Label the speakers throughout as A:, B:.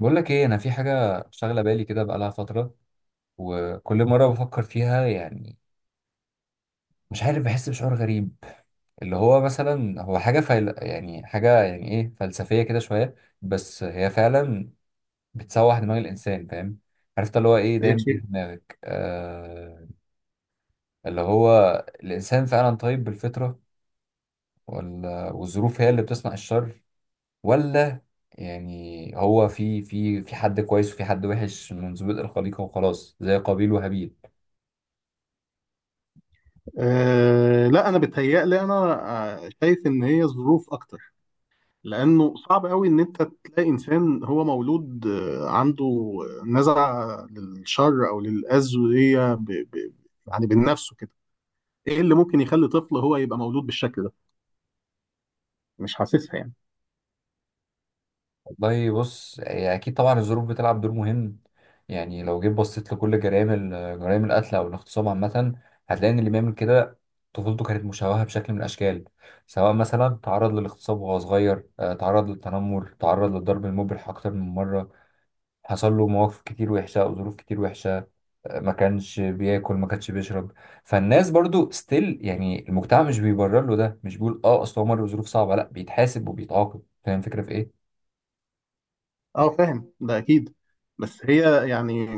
A: بقول لك ايه، انا في حاجه شاغله بالي كده بقالها فتره، وكل مره بفكر فيها. يعني مش عارف، بحس بشعور غريب. اللي هو مثلا هو حاجه يعني حاجه، يعني ايه، فلسفيه كده شويه، بس هي فعلا بتسوح دماغ الانسان، فاهم؟ عرفت اللي هو ايه
B: يا
A: دايما بيجي
B: شيخ.
A: في دماغك؟ اللي هو الانسان فعلا طيب بالفطره، ولا والظروف هي اللي بتصنع الشر؟ ولا يعني هو في حد كويس وفي حد وحش من ظروف الخليقه وخلاص، زي قابيل وهابيل؟
B: لا، انا بتهيألي انا شايف ان هي ظروف اكتر. لانه صعب قوي ان انت تلاقي انسان هو مولود، عنده نزعه للشر او للاذى دي. ب- ب- يعني بنفسه كده. ايه اللي ممكن يخلي طفل هو يبقى مولود بالشكل ده؟ مش حاسسها يعني.
A: والله بص، هي اكيد طبعا الظروف بتلعب دور مهم. يعني لو جيت بصيت لكل جرائم القتل او الاغتصاب عامه، هتلاقي ان اللي بيعمل كده طفولته كانت مشوهه بشكل من الاشكال. سواء مثلا تعرض للاغتصاب وهو صغير، تعرض للتنمر، تعرض للضرب المبرح اكتر من مره، حصل له مواقف كتير وحشه او ظروف كتير وحشه، ما كانش بياكل، ما كانش بيشرب. فالناس برضو ستيل، يعني المجتمع مش بيبرر له ده، مش بيقول اه اصل هو مر بظروف صعبه، لا، بيتحاسب وبيتعاقب. فاهم الفكره في ايه؟
B: اه فاهم ده اكيد. بس هي يعني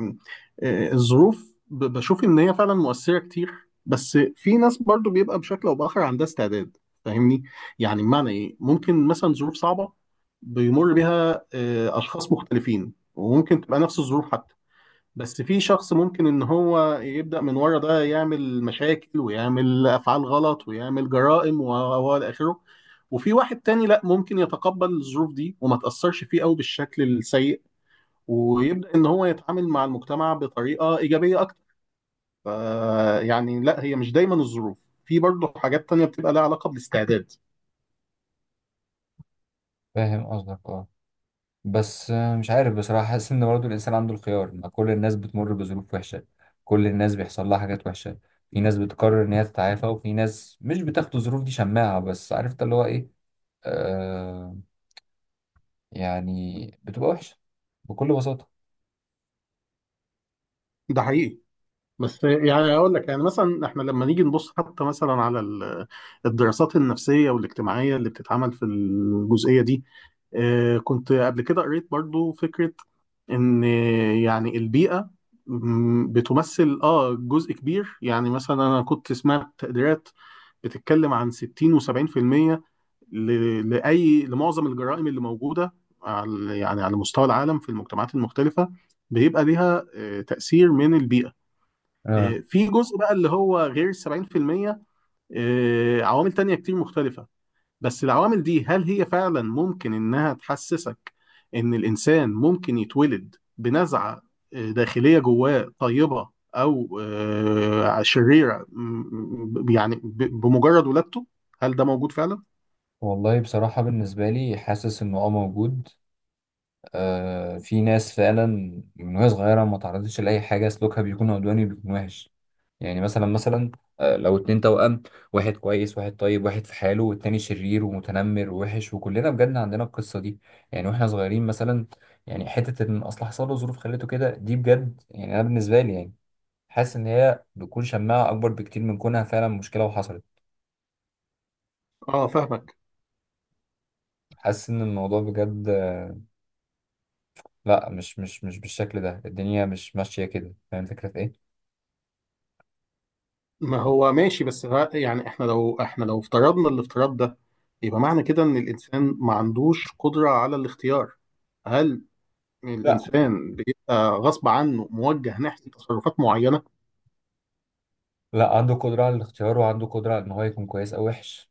B: الظروف، بشوف ان هي فعلا مؤثره كتير. بس في ناس برضو بيبقى بشكل او باخر عندها استعداد. فاهمني؟ يعني بمعنى ايه؟ ممكن مثلا ظروف صعبه بيمر بيها اشخاص مختلفين، وممكن تبقى نفس الظروف حتى، بس في شخص ممكن ان هو يبدأ من ورا ده يعمل مشاكل ويعمل افعال غلط ويعمل جرائم و الى اخره. وفي واحد تاني لا، ممكن يتقبل الظروف دي وما تأثرش فيه قوي بالشكل السيء ويبدأ ان هو يتعامل مع المجتمع بطريقة إيجابية اكتر. ف- يعني لا، هي مش دايما الظروف. في برضه حاجات تانية بتبقى لها علاقة بالاستعداد.
A: فاهم قصدك، اه. بس مش عارف بصراحة، حاسس إن برضه الإنسان عنده الخيار. ما كل الناس بتمر بظروف وحشة، كل الناس بيحصل لها حاجات وحشة. في ناس بتقرر إن هي تتعافى، وفي ناس مش بتاخد الظروف دي شماعة. بس عرفت اللي هو إيه، آه، يعني بتبقى وحشة بكل بساطة.
B: ده حقيقي. بس يعني اقول لك، يعني مثلا احنا لما نيجي نبص حتى مثلا على الدراسات النفسيه والاجتماعيه اللي بتتعمل في الجزئيه دي، كنت قبل كده قريت برضو فكره ان يعني البيئه، بتمثل اه جزء كبير. يعني مثلا انا كنت سمعت تقديرات بتتكلم عن 60 و70% ل لمعظم الجرائم اللي موجوده على، يعني على مستوى العالم في المجتمعات المختلفه، بيبقى ليها تاثير من البيئه.
A: آه.
B: في جزء بقى اللي هو غير 70%، عوامل تانية كتير مختلفة. بس العوامل دي هل هي فعلا ممكن إنها تحسسك إن الإنسان ممكن يتولد بنزعة داخلية جواه طيبة، أو شريرة، يعني بمجرد ولادته؟ هل ده موجود فعلا؟
A: والله بصراحة بالنسبة لي حاسس إنه أه موجود. آه، في ناس فعلا من وهي صغيرة ما تعرضتش لأي حاجة، سلوكها بيكون عدواني، بيكون وحش. يعني مثلا، لو اتنين توأم، واحد كويس واحد طيب واحد في حاله، والتاني شرير ومتنمر ووحش. وكلنا بجد عندنا القصة دي، يعني واحنا صغيرين مثلا. يعني حتة ان اصل حصل له ظروف خليته كده دي، بجد يعني انا بالنسبة لي، يعني حاسس ان هي بتكون شماعة اكبر بكتير من كونها فعلا مشكلة وحصلت.
B: اه فاهمك.
A: حاسس ان الموضوع بجد، لا، مش بالشكل ده، الدنيا مش ماشية كده. فاهم الفكرة في ايه؟
B: ما هو ماشي، بس يعني احنا لو افترضنا الافتراض ده، يبقى معنى كده ان الانسان ما عندوش قدرة على الاختيار. هل
A: لا،
B: الانسان بيبقى غصب عنه موجه ناحيه تصرفات معينه؟
A: لا، عنده قدرة على الاختيار، وعنده قدرة على ان هو يكون كويس او وحش.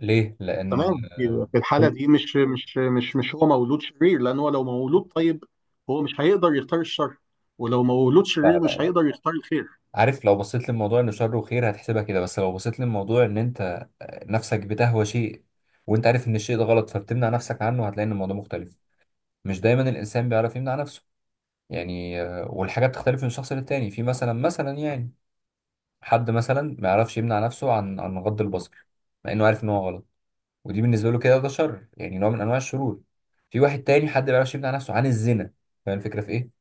A: ليه؟ لان
B: تمام. في الحاله
A: كل
B: دي مش هو مولود شرير. لان هو لو مولود طيب، هو مش هيقدر يختار الشر، ولو مولود شرير مش
A: لا،
B: هيقدر يختار الخير.
A: عارف، لو بصيت للموضوع انه شر وخير هتحسبها كده، بس لو بصيت للموضوع ان انت نفسك بتهوى شيء، وانت عارف ان الشيء ده غلط، فبتمنع نفسك عنه، هتلاقي ان الموضوع مختلف. مش دايما الانسان بيعرف يمنع نفسه، يعني والحاجات بتختلف من شخص للتاني. في مثلا يعني حد مثلا ما يعرفش يمنع نفسه عن غض البصر، مع انه عارف ان هو غلط، ودي بالنسبه له كده ده شر، يعني نوع من انواع الشرور. في واحد تاني حد ما يعرفش يمنع نفسه عن الزنا. فاهم الفكره في ايه؟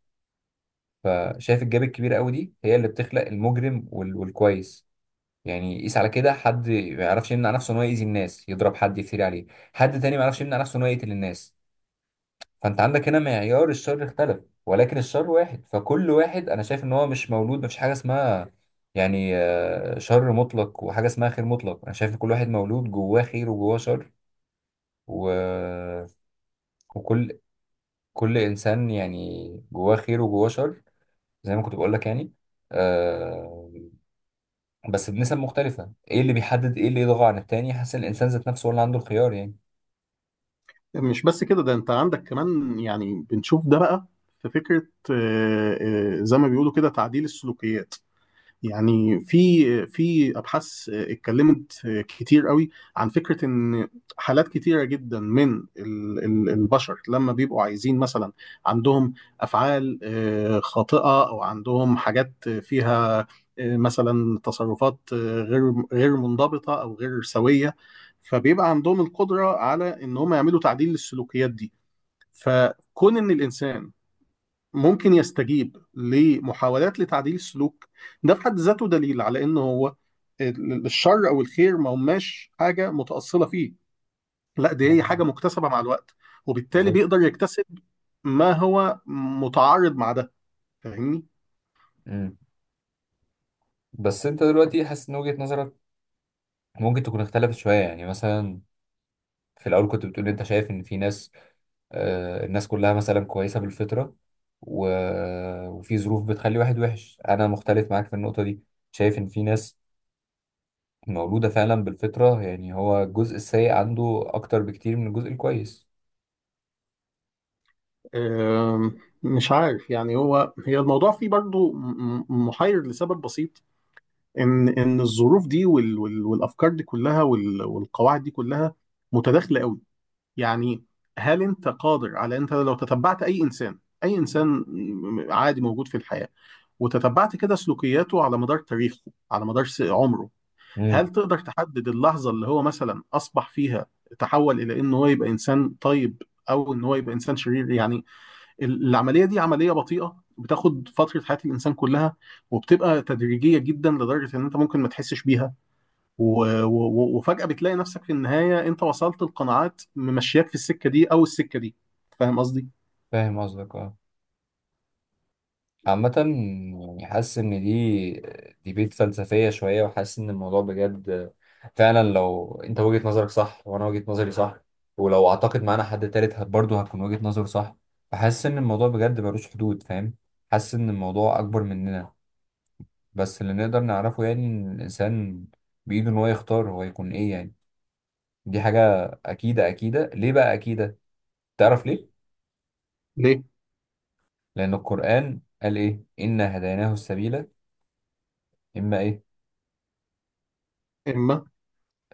A: فشايف الجاب الكبيره قوي دي هي اللي بتخلق المجرم والكويس. يعني قيس على كده، حد ما يعرفش يمنع نفسه ان هو يأذي الناس، يضرب حد، يفتري عليه. حد تاني ما يعرفش يمنع نفسه ان هو يقتل الناس. فانت عندك هنا معيار الشر اختلف، ولكن الشر واحد. فكل واحد انا شايف ان هو مش مولود، مفيش حاجه اسمها يعني شر مطلق وحاجه اسمها خير مطلق. انا شايف ان كل واحد مولود جواه خير وجواه شر. و... وكل كل انسان يعني جواه خير وجواه شر، زي ما كنت بقول لك. يعني آه، بس بنسب مختلفة. ايه اللي بيحدد ايه اللي يضغى عن التاني؟ حاسس إن الانسان ذات نفسه هو اللي عنده الخيار، يعني
B: مش بس كده، ده انت عندك كمان، يعني بنشوف ده بقى، في فكره، زي ما بيقولوا كده، تعديل السلوكيات. يعني في ابحاث اتكلمت كتير قوي عن فكره ان حالات كتيره جدا من البشر لما بيبقوا عايزين مثلا، عندهم افعال خاطئه، او عندهم حاجات فيها مثلا تصرفات غير منضبطه او غير سويه، فبيبقى عندهم القدره على ان هم يعملوا تعديل للسلوكيات دي. فكون ان الانسان ممكن يستجيب لمحاولات لتعديل السلوك، ده في حد ذاته دليل على ان هو الشر او الخير ما هماش حاجه متاصله فيه. لا، دي هي حاجه مكتسبه مع الوقت، وبالتالي
A: بالظبط.
B: بيقدر يكتسب. ما هو متعارض مع ده. فاهمني؟
A: امم بس انت دلوقتي حاسس ان وجهة نظرك ممكن تكون اختلفت شوية؟ يعني مثلا في الاول كنت بتقول انت شايف ان في ناس، آه، الناس كلها مثلا كويسة بالفطرة، و... وفي ظروف بتخلي واحد وحش. انا مختلف معاك في النقطة دي، شايف ان في ناس مولودة فعلا بالفطرة، يعني هو الجزء السيء عنده اكتر بكتير من الجزء الكويس.
B: مش عارف يعني. هو هي الموضوع فيه برضو محير لسبب بسيط، ان الظروف دي والافكار دي كلها والقواعد دي كلها متداخله قوي. يعني هل انت قادر على، انت لو تتبعت اي انسان، اي انسان عادي موجود في الحياة، وتتبعت كده سلوكياته على مدار تاريخه، على مدار عمره،
A: امم،
B: هل تقدر تحدد اللحظة اللي هو مثلا اصبح فيها، تحول الى ان هو يبقى انسان طيب او ان هو يبقى انسان شرير؟ يعني العملية دي عملية بطيئة بتاخد فترة حياة الانسان كلها، وبتبقى تدريجية جدا لدرجة ان انت ممكن ما تحسش بيها، وفجأة بتلاقي نفسك في النهاية، انت وصلت لقناعات ممشياك في السكة دي او السكة دي. فاهم قصدي؟
A: فاهم قصدك اه. عامة يعني حاسس إن دي ديبيت فلسفية شوية، وحاسس إن الموضوع بجد فعلا. لو أنت وجهة نظرك صح وأنا وجهة نظري صح، ولو أعتقد معانا حد تالت برضه هتكون وجهة نظره صح. فحاسس إن الموضوع بجد ملوش حدود، فاهم؟ حاسس إن الموضوع أكبر مننا. بس اللي نقدر نعرفه يعني إن الإنسان بإيده إن هو يختار هو يكون إيه، يعني دي حاجة أكيدة. أكيدة ليه بقى؟ أكيدة تعرف ليه؟
B: ليه؟
A: لأن القرآن قال إيه؟ إنا هديناه السبيل، إما إيه؟
B: اما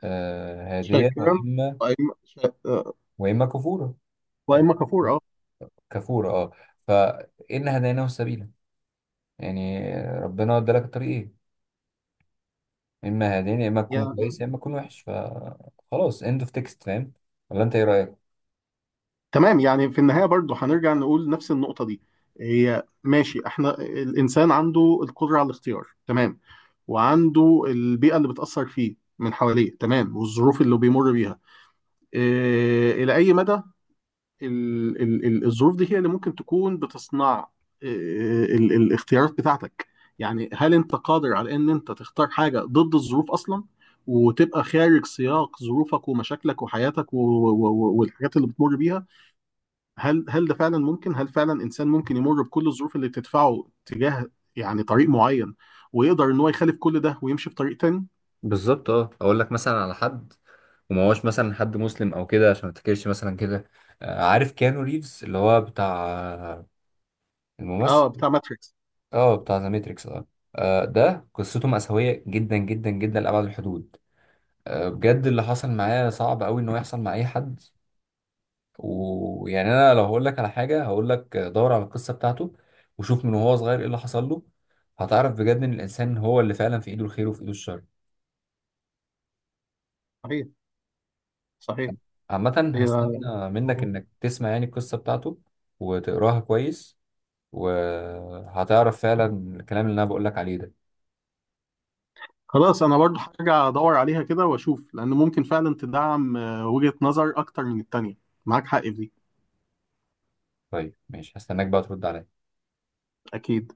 A: آه، هادية،
B: شاكرا،
A: وإما،
B: واما شا- آه،
A: كفورة، أو
B: واما كفور، اه
A: كفورة أه. فإن هديناه السبيل، يعني ربنا ادالك الطريقين، إما هادين، يا إما تكون كويس
B: يعني.
A: يا إما تكون وحش، فخلاص إند أوف تكست، فاهم؟ ولا أنت إيه رأيك؟
B: تمام، يعني في النهاية برضو هنرجع نقول نفس النقطة دي. هي ماشي، احنا الانسان عنده القدرة على الاختيار، تمام، وعنده البيئة اللي بتأثر فيه من حواليه، تمام، والظروف اللي بيمر بيها إيه، إلى أي مدى الظروف دي هي اللي ممكن تكون بتصنع الاختيارات بتاعتك؟ يعني هل انت قادر على ان انت تختار حاجة ضد الظروف اصلا، وتبقى خارج سياق ظروفك ومشاكلك وحياتك والحاجات اللي بتمر بيها؟ هل ده فعلا ممكن؟ هل فعلا انسان ممكن يمر بكل الظروف اللي بتدفعه تجاه يعني طريق معين ويقدر ان هو يخالف كل ده ويمشي في طريق تاني؟
A: بالظبط، اه. اقول لك مثلا على حد، وما هوش مثلا حد مسلم او كده عشان ما تفتكرش مثلا كده. عارف كيانو ريفز اللي هو بتاع، آه، الممثل،
B: اه، بتاع ماتريكس.
A: اه بتاع ذا ماتريكس، اه. ده قصته مأساوية جدا جدا جدا لأبعد الحدود. بجد اللي حصل معايا صعب قوي انه يحصل مع اي حد. ويعني انا لو هقول لك على حاجه، هقول لك دور على القصه بتاعته، وشوف من وهو صغير ايه اللي حصل له، هتعرف بجد ان الانسان هو اللي فعلا في ايده الخير وفي ايده الشر.
B: صحيح، صحيح.
A: عامه
B: هي
A: هستنى منك انك تسمع يعني القصه بتاعته، وتقراها كويس، وهتعرف فعلا الكلام اللي انا بقول لك عليه ده.
B: خلاص، انا برضو هرجع ادور عليها كده واشوف، لان ممكن فعلا تدعم وجهة نظر اكتر من التانية. معاك حق في دي.
A: طيب ماشي، هستناك بقى ترد عليا.
B: اكيد.